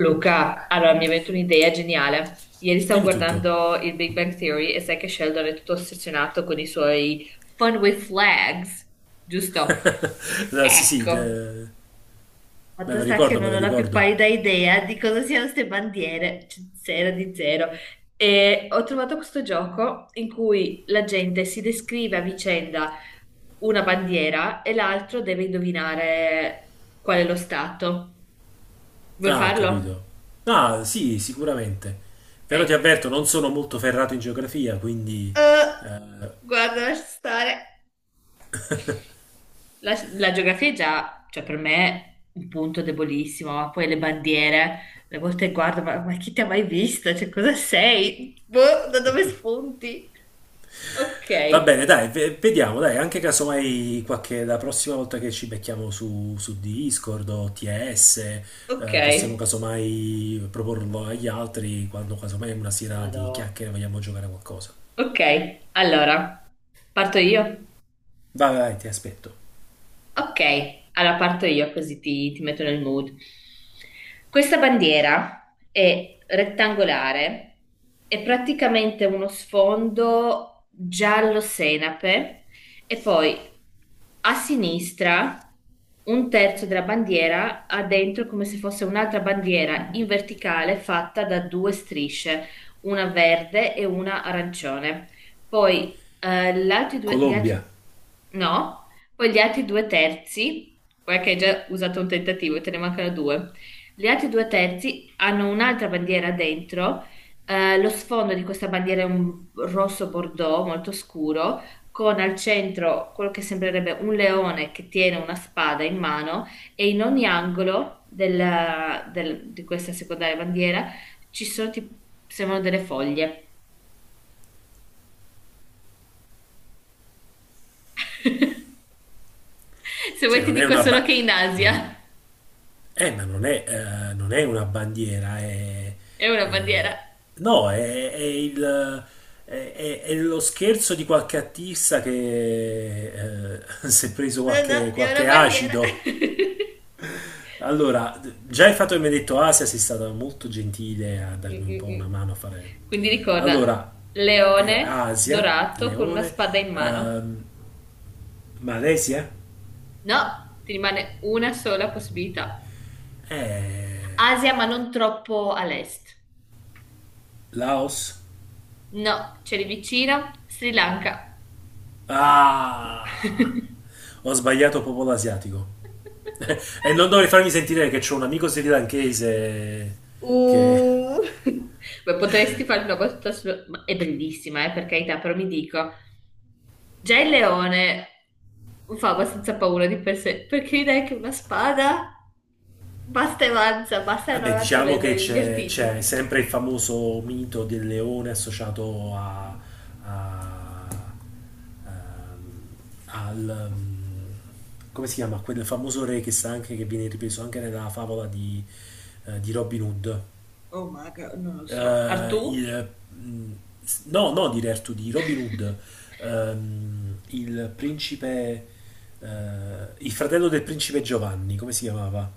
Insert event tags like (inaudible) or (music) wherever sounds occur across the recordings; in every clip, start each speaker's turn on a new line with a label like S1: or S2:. S1: Luca, allora mi è venuta un'idea geniale. Ieri stavo
S2: Dimmi tutto.
S1: guardando il Big Bang Theory e sai che Sheldon è tutto ossessionato con i suoi fun with flags, giusto?
S2: Eh, sì, sì,
S1: Ecco,
S2: eh, me
S1: fatto
S2: lo
S1: sta che
S2: ricordo, me
S1: non
S2: lo
S1: ho la più
S2: ricordo.
S1: pallida idea di cosa siano queste bandiere, cioè, zero di zero. E ho trovato questo gioco in cui la gente si descrive a vicenda una bandiera e l'altro deve indovinare qual è lo stato. Vuoi
S2: Ah, ho
S1: farlo?
S2: capito. Ah, sì, sicuramente. Però ti
S1: Ok.
S2: avverto, non sono molto ferrato in geografia, quindi...
S1: Eh,
S2: eh,
S1: guarda, lascia stare. La geografia è già, cioè per me, un punto debolissimo, ma poi le bandiere, le volte guardo, ma chi ti ha mai visto? Cioè, cosa sei? Boh, da dove spunti?
S2: va bene,
S1: Ok,
S2: dai, vediamo, dai, anche casomai qualche, la prossima volta che ci becchiamo su Discord o TS,
S1: ok,
S2: possiamo casomai proporlo agli altri quando casomai una sera di
S1: madò.
S2: chiacchiere vogliamo giocare a qualcosa.
S1: Ok, allora, parto io.
S2: Vai, vai, ti aspetto.
S1: Ok, allora parto io così ti metto nel mood. Questa bandiera è rettangolare, è praticamente uno sfondo giallo senape e poi a sinistra un terzo della bandiera ha dentro come se fosse un'altra bandiera in verticale fatta da due strisce, una verde e una arancione. Poi gli altri due,
S2: Colombia.
S1: No? Poi gli altri due terzi, guarda che hai già usato un tentativo e te ne mancano due. Gli altri due terzi hanno un'altra bandiera dentro. Lo sfondo di questa bandiera è un rosso bordeaux molto scuro, con al centro quello che sembrerebbe un leone che tiene una spada in mano e in ogni angolo di questa secondaria bandiera ci sono, tipo, sembrano delle foglie. (laughs) Se vuoi
S2: Cioè,
S1: ti
S2: non è
S1: dico
S2: una...
S1: solo
S2: Ba-
S1: che in
S2: non-
S1: Asia
S2: Ma non è, non è una bandiera,
S1: (laughs) è una bandiera.
S2: è- no, è è lo scherzo di qualche artista che (laughs) si è preso
S1: No, no, è una
S2: qualche
S1: bandiera. (laughs)
S2: acido. Allora, già il fatto che mi hai detto Asia sei stata molto gentile a
S1: Mm,
S2: darmi un po'
S1: mm,
S2: una
S1: mm.
S2: mano a fare.
S1: Quindi ricorda,
S2: Allora, è
S1: leone
S2: Asia,
S1: dorato con una
S2: Leone,
S1: spada in mano.
S2: ehm, Malesia,
S1: No, ti rimane una sola possibilità.
S2: eh,
S1: Asia, ma non troppo all'est.
S2: Laos.
S1: No, c'è lì vicino, Sri Lanka.
S2: Ah!
S1: (laughs)
S2: Ho sbagliato popolo asiatico. (laughs) E non dovrei farmi sentire che c'è un amico srilankese che...
S1: Uh. Beh, potresti fare una battuta su... ma è bellissima, per carità, però mi dico, già il leone fa abbastanza paura di per sé, perché direi che una spada basta e avanza, basta e non
S2: Vabbè,
S1: avanza
S2: diciamo che
S1: gli artigli.
S2: c'è sempre il famoso mito del leone associato a... a- ehm, al... mm, come si chiama? Quel famoso re che sta anche, che viene ripreso anche nella favola di Robin Hood.
S1: Oh my God, non lo so. Artù?
S2: eh, il- mh, no di Rare 2D, Robin Hood,
S1: (laughs)
S2: il principe, eh, il fratello del principe Giovanni, come si chiamava?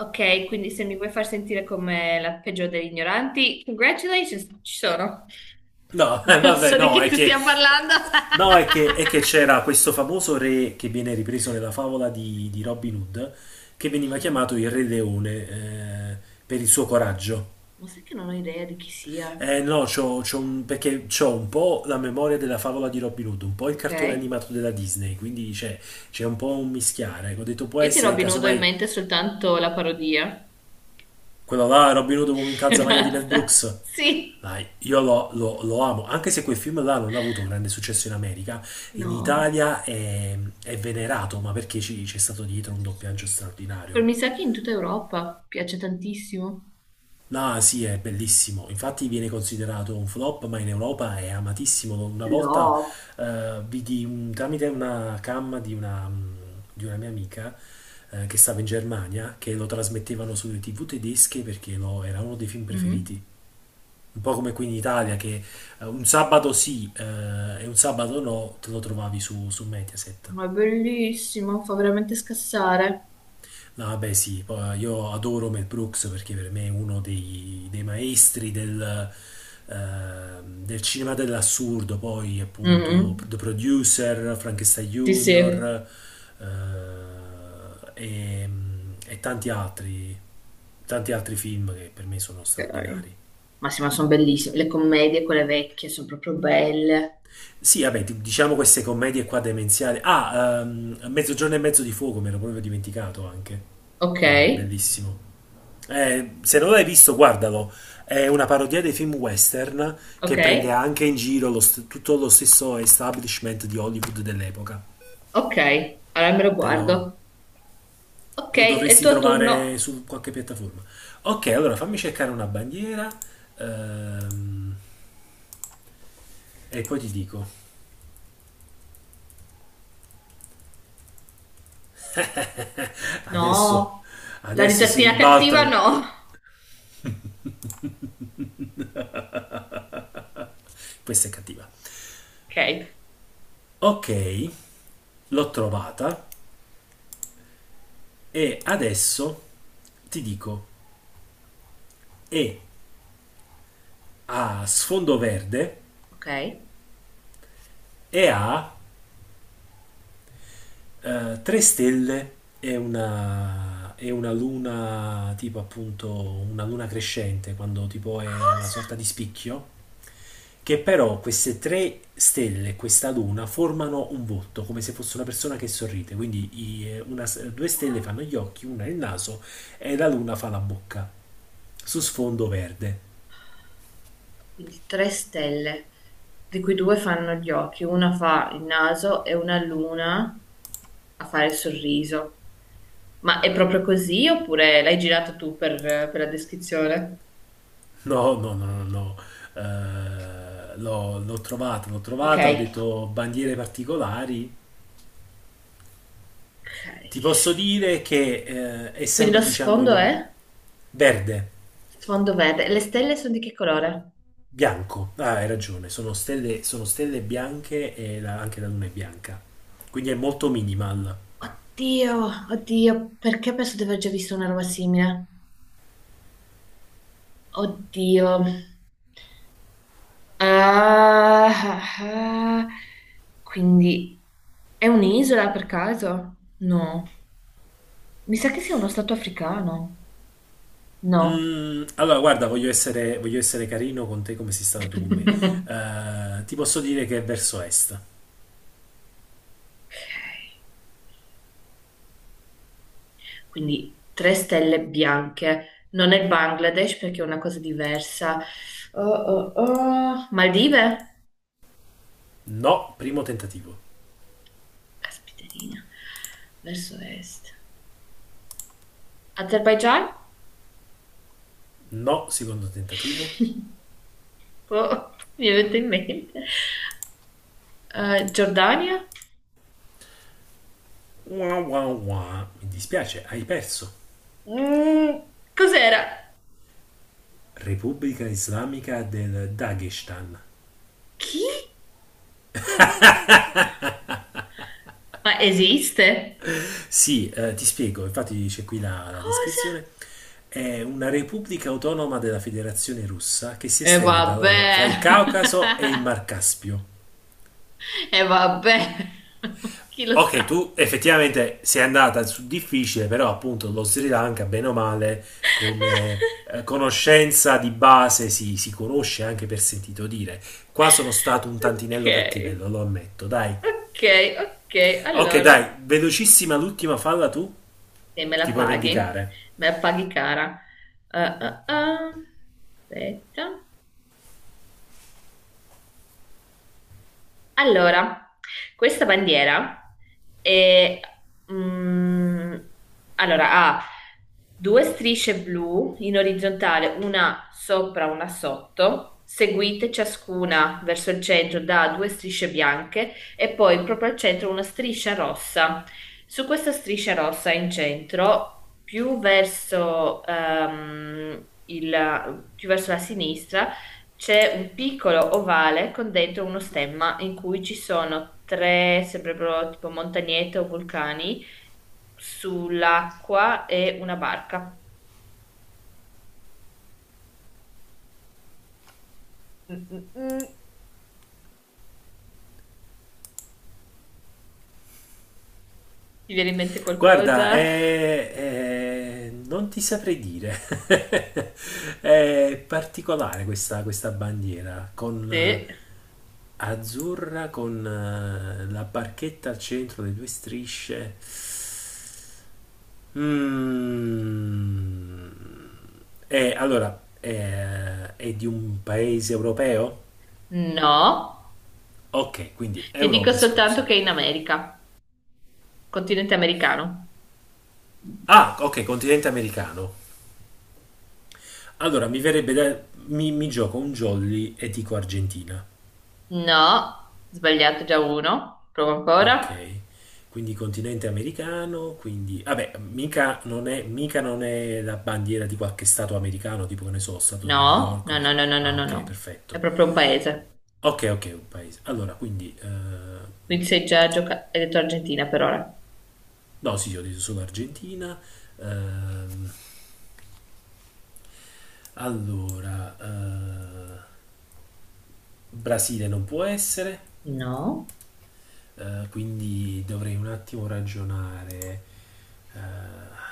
S1: Ok, quindi se mi vuoi far sentire come la peggiore degli ignoranti, congratulations, ci sono. (laughs)
S2: No, (laughs)
S1: Non
S2: vabbè,
S1: so di chi tu stia parlando.
S2: no, è che c'era questo famoso re che viene ripreso nella favola di Robin Hood,
S1: (laughs) Ma
S2: che veniva
S1: chi?
S2: chiamato il Re Leone, eh, per il suo coraggio.
S1: Ma sai che non ho idea di chi sia?
S2: Eh no, c'ho un, perché c'ho un po' la memoria della favola di Robin Hood, un po' il
S1: Ok,
S2: cartone
S1: io
S2: animato della Disney, c'è un po' un mischiare. Ecco, ho detto può
S1: ti
S2: essere
S1: Robin Hood ho in
S2: casomai
S1: mente soltanto la parodia.
S2: quello là, Robin Hood uomo in
S1: (laughs) E
S2: calzamaglia di Mel
S1: basta.
S2: Brooks.
S1: Sì.
S2: Dai, lo amo, anche se quel film là non ha avuto grande successo in America, in
S1: No.
S2: Italia è venerato, ma perché c'è stato dietro un doppiaggio
S1: Però mi
S2: straordinario.
S1: sa che in tutta Europa piace tantissimo.
S2: No, sì, è bellissimo. Infatti viene considerato un flop, ma in Europa è amatissimo. Una volta
S1: No,
S2: tramite una cam di di una mia amica che stava in Germania, che lo trasmettevano sulle TV tedesche perché era uno dei film preferiti.
S1: mhm.
S2: Un po' come qui in Italia, che un sabato sì e un sabato no, te lo trovavi su Mediaset.
S1: Ma è bellissimo, fa veramente scassare.
S2: No, vabbè, sì, poi io adoro Mel Brooks perché per me è uno dei maestri del, eh, del cinema dell'assurdo. Poi, appunto,
S1: Mhm.
S2: The Producer, Frankenstein
S1: Sì, sì.
S2: Junior eh, e, e tanti altri film che per me sono
S1: Ok.
S2: straordinari.
S1: Ma sì, ma sono bellissime. Le commedie, quelle vecchie, sono proprio belle.
S2: Sì, vabbè, diciamo queste commedie qua demenziali. Ah, Mezzogiorno e mezzo di fuoco, me l'ho proprio dimenticato anche.
S1: Ok,
S2: Mamma, è bellissimo. Se non l'hai visto, guardalo. È una parodia dei film western che
S1: ok,
S2: prende anche in giro tutto lo stesso establishment di Hollywood dell'epoca.
S1: ok. Allora me lo
S2: Te lo,
S1: guardo. Ok,
S2: Lo
S1: è il
S2: dovresti
S1: tuo
S2: trovare
S1: turno.
S2: su qualche piattaforma. Ok, allora fammi cercare una bandiera ehm, e poi ti dico. Adesso,
S1: No, la
S2: Adesso si
S1: risatina cattiva
S2: ribaltano.
S1: no.
S2: Questa è cattiva.
S1: Ok,
S2: Ok, l'ho trovata e adesso ti dico è a sfondo verde
S1: ok.
S2: e ha tre stelle e una luna, tipo appunto una luna crescente, quando tipo è una
S1: Cosa?
S2: sorta di spicchio, che però queste tre stelle, questa luna, formano un volto, come se fosse una persona che sorride. Quindi i- una- due stelle fanno gli occhi, una il naso e la luna fa la bocca, su sfondo verde.
S1: Quindi tre stelle, di cui due fanno gli occhi, una fa il naso e una l'una a fare il sorriso. Ma è proprio così oppure l'hai girato tu per la descrizione?
S2: No, no, no, no, no. L'ho
S1: Ok,
S2: trovata, ho detto bandiere particolari.
S1: ok.
S2: Ti posso dire che è
S1: Quindi lo
S2: sempre, diciamo, in
S1: sfondo
S2: un
S1: è
S2: verde,
S1: sfondo verde. Le stelle sono di che colore?
S2: bianco. Ah, hai ragione, sono stelle bianche e anche la luna è bianca. Quindi è molto minimal.
S1: Oddio, oddio, perché penso di aver già visto una roba simile? Oddio. Ah, ah, ah. Quindi è un'isola per caso? No. Mi sa che sia uno stato africano. No.
S2: Mm, allora, guarda, voglio essere carino con te come sei stato tu con me.
S1: (laughs)
S2: Ti posso dire che è verso est.
S1: Ok. Quindi tre stelle bianche. Non è il Bangladesh perché è una cosa diversa. Oh, oh, oh. Maldive?
S2: No, primo tentativo.
S1: Caspiterina. Verso est. Azerbaigian?
S2: No, secondo tentativo.
S1: (laughs) Oh, mi è venuto in mente. Giordania?
S2: Wah, wah, wah. Mi dispiace, hai perso.
S1: Mm, cos'era?
S2: Repubblica Islamica del Dagestan.
S1: Chi? Ma esiste?
S2: Sì, ti spiego, infatti c'è qui la
S1: Cosa?
S2: descrizione. È una repubblica autonoma della Federazione Russa che si
S1: E
S2: estende
S1: vabbè.
S2: fra il Caucaso e il Mar
S1: (laughs)
S2: Caspio.
S1: E vabbè. (laughs) Chi lo
S2: Ok,
S1: sa?
S2: tu effettivamente sei andata su difficile, però appunto lo Sri Lanka, bene o male, come
S1: (laughs)
S2: conoscenza di base si conosce anche per sentito dire. Qua sono stato un
S1: Ok.
S2: tantinello cattivello, lo ammetto, dai.
S1: Ok, ok.
S2: Ok,
S1: Allora,
S2: dai, velocissima l'ultima falla tu,
S1: e me
S2: ti
S1: la
S2: puoi
S1: paghi.
S2: vendicare.
S1: Me la paghi cara. Ah, ah, ah. Aspetta. Allora, questa bandiera è, mm, allora, ha due strisce blu in orizzontale, una sopra, una sotto, seguite ciascuna verso il centro da due strisce bianche e poi proprio al centro una striscia rossa. Su questa striscia rossa in centro, più verso, più verso la sinistra, c'è un piccolo ovale con dentro uno stemma in cui ci sono tre, sembrerebbero tipo montagnette o vulcani, sull'acqua e una barca. Mm, mm, mm. Ti viene in mente
S2: Guarda,
S1: qualcosa?
S2: non ti saprei dire. (laughs) È particolare questa bandiera con
S1: Sì.
S2: azzurra, con la barchetta al centro, le due strisce. Mm. Allora, è di un paese europeo?
S1: No.
S2: Ok, quindi
S1: Ti dico
S2: Europa
S1: soltanto
S2: esclusa.
S1: che è in America, continente americano.
S2: Ah, ok, continente americano. Allora, mi verrebbe da... mi gioco un jolly e dico Argentina.
S1: No. Sbagliato già uno. Provo
S2: Ok,
S1: ancora.
S2: quindi continente americano, quindi... Vabbè, mica non è la bandiera di qualche stato americano, tipo che ne so, stato di New
S1: No,
S2: York.
S1: no, no, no, no, no,
S2: Ah,
S1: no,
S2: ok,
S1: no. È
S2: perfetto.
S1: proprio un paese.
S2: Ok, ok, un paese. Allora, quindi...
S1: Quindi sei già giocato. Hai detto Argentina per ora.
S2: no, sì, io ho detto solo Argentina. ehm, Allora, Brasile non può essere,
S1: No.
S2: quindi dovrei un attimo ragionare. eh,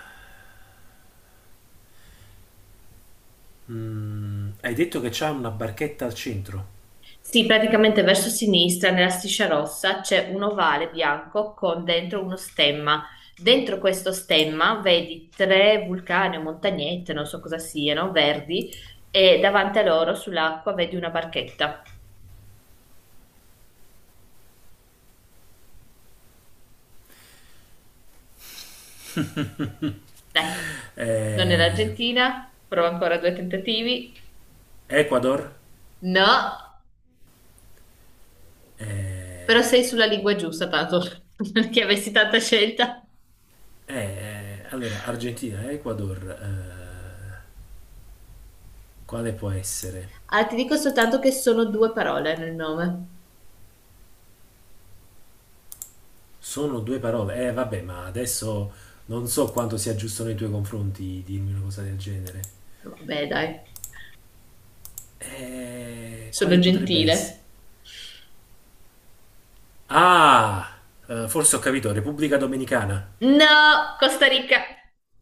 S2: Hai detto che c'è una barchetta al centro?
S1: Sì, praticamente verso sinistra, nella striscia rossa, c'è un ovale bianco con dentro uno stemma. Dentro questo stemma vedi tre vulcani o montagnette, non so cosa siano, verdi, e davanti a loro sull'acqua vedi una barchetta.
S2: (laughs)
S1: Dai, non è
S2: Eh,
S1: l'Argentina, prova ancora due tentativi.
S2: Ecuador,
S1: No, però
S2: eh,
S1: sei sulla lingua giusta, tanto (laughs) perché avessi tanta scelta.
S2: allora Argentina, Ecuador, quale può essere?
S1: Ah, ti dico soltanto che sono due parole nel nome.
S2: Sono due parole, eh vabbè, ma adesso non so quanto sia giusto nei tuoi confronti dirmi una cosa del genere.
S1: Vabbè, dai, sono
S2: Quali potrebbe essere?
S1: gentile.
S2: Ah, forse ho capito, Repubblica Dominicana.
S1: No, Costa Rica. (laughs)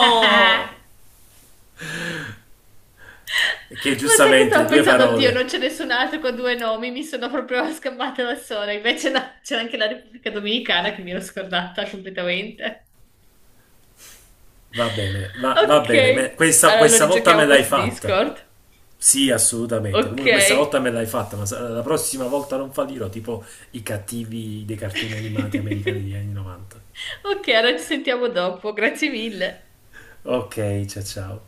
S1: Ma
S2: (laughs) Che
S1: sai che
S2: giustamente
S1: stavo
S2: due
S1: pensando, oddio, non
S2: parole.
S1: c'è nessun altro con due nomi, mi sono proprio scappata da sola. Invece no, c'è anche la Repubblica Dominicana che mi ero scordata completamente.
S2: Va bene, va bene,
S1: Ok,
S2: questa,
S1: allora lo
S2: questa volta me
S1: rigiochiamo poi
S2: l'hai
S1: su
S2: fatta.
S1: Discord.
S2: Sì, assolutamente.
S1: Ok.
S2: Comunque questa volta me l'hai fatta, ma la prossima volta non fallirò, tipo i cattivi dei cartoni animati americani degli
S1: (laughs)
S2: anni 90.
S1: Ok, allora ci sentiamo dopo, grazie mille.
S2: Ok, ciao ciao.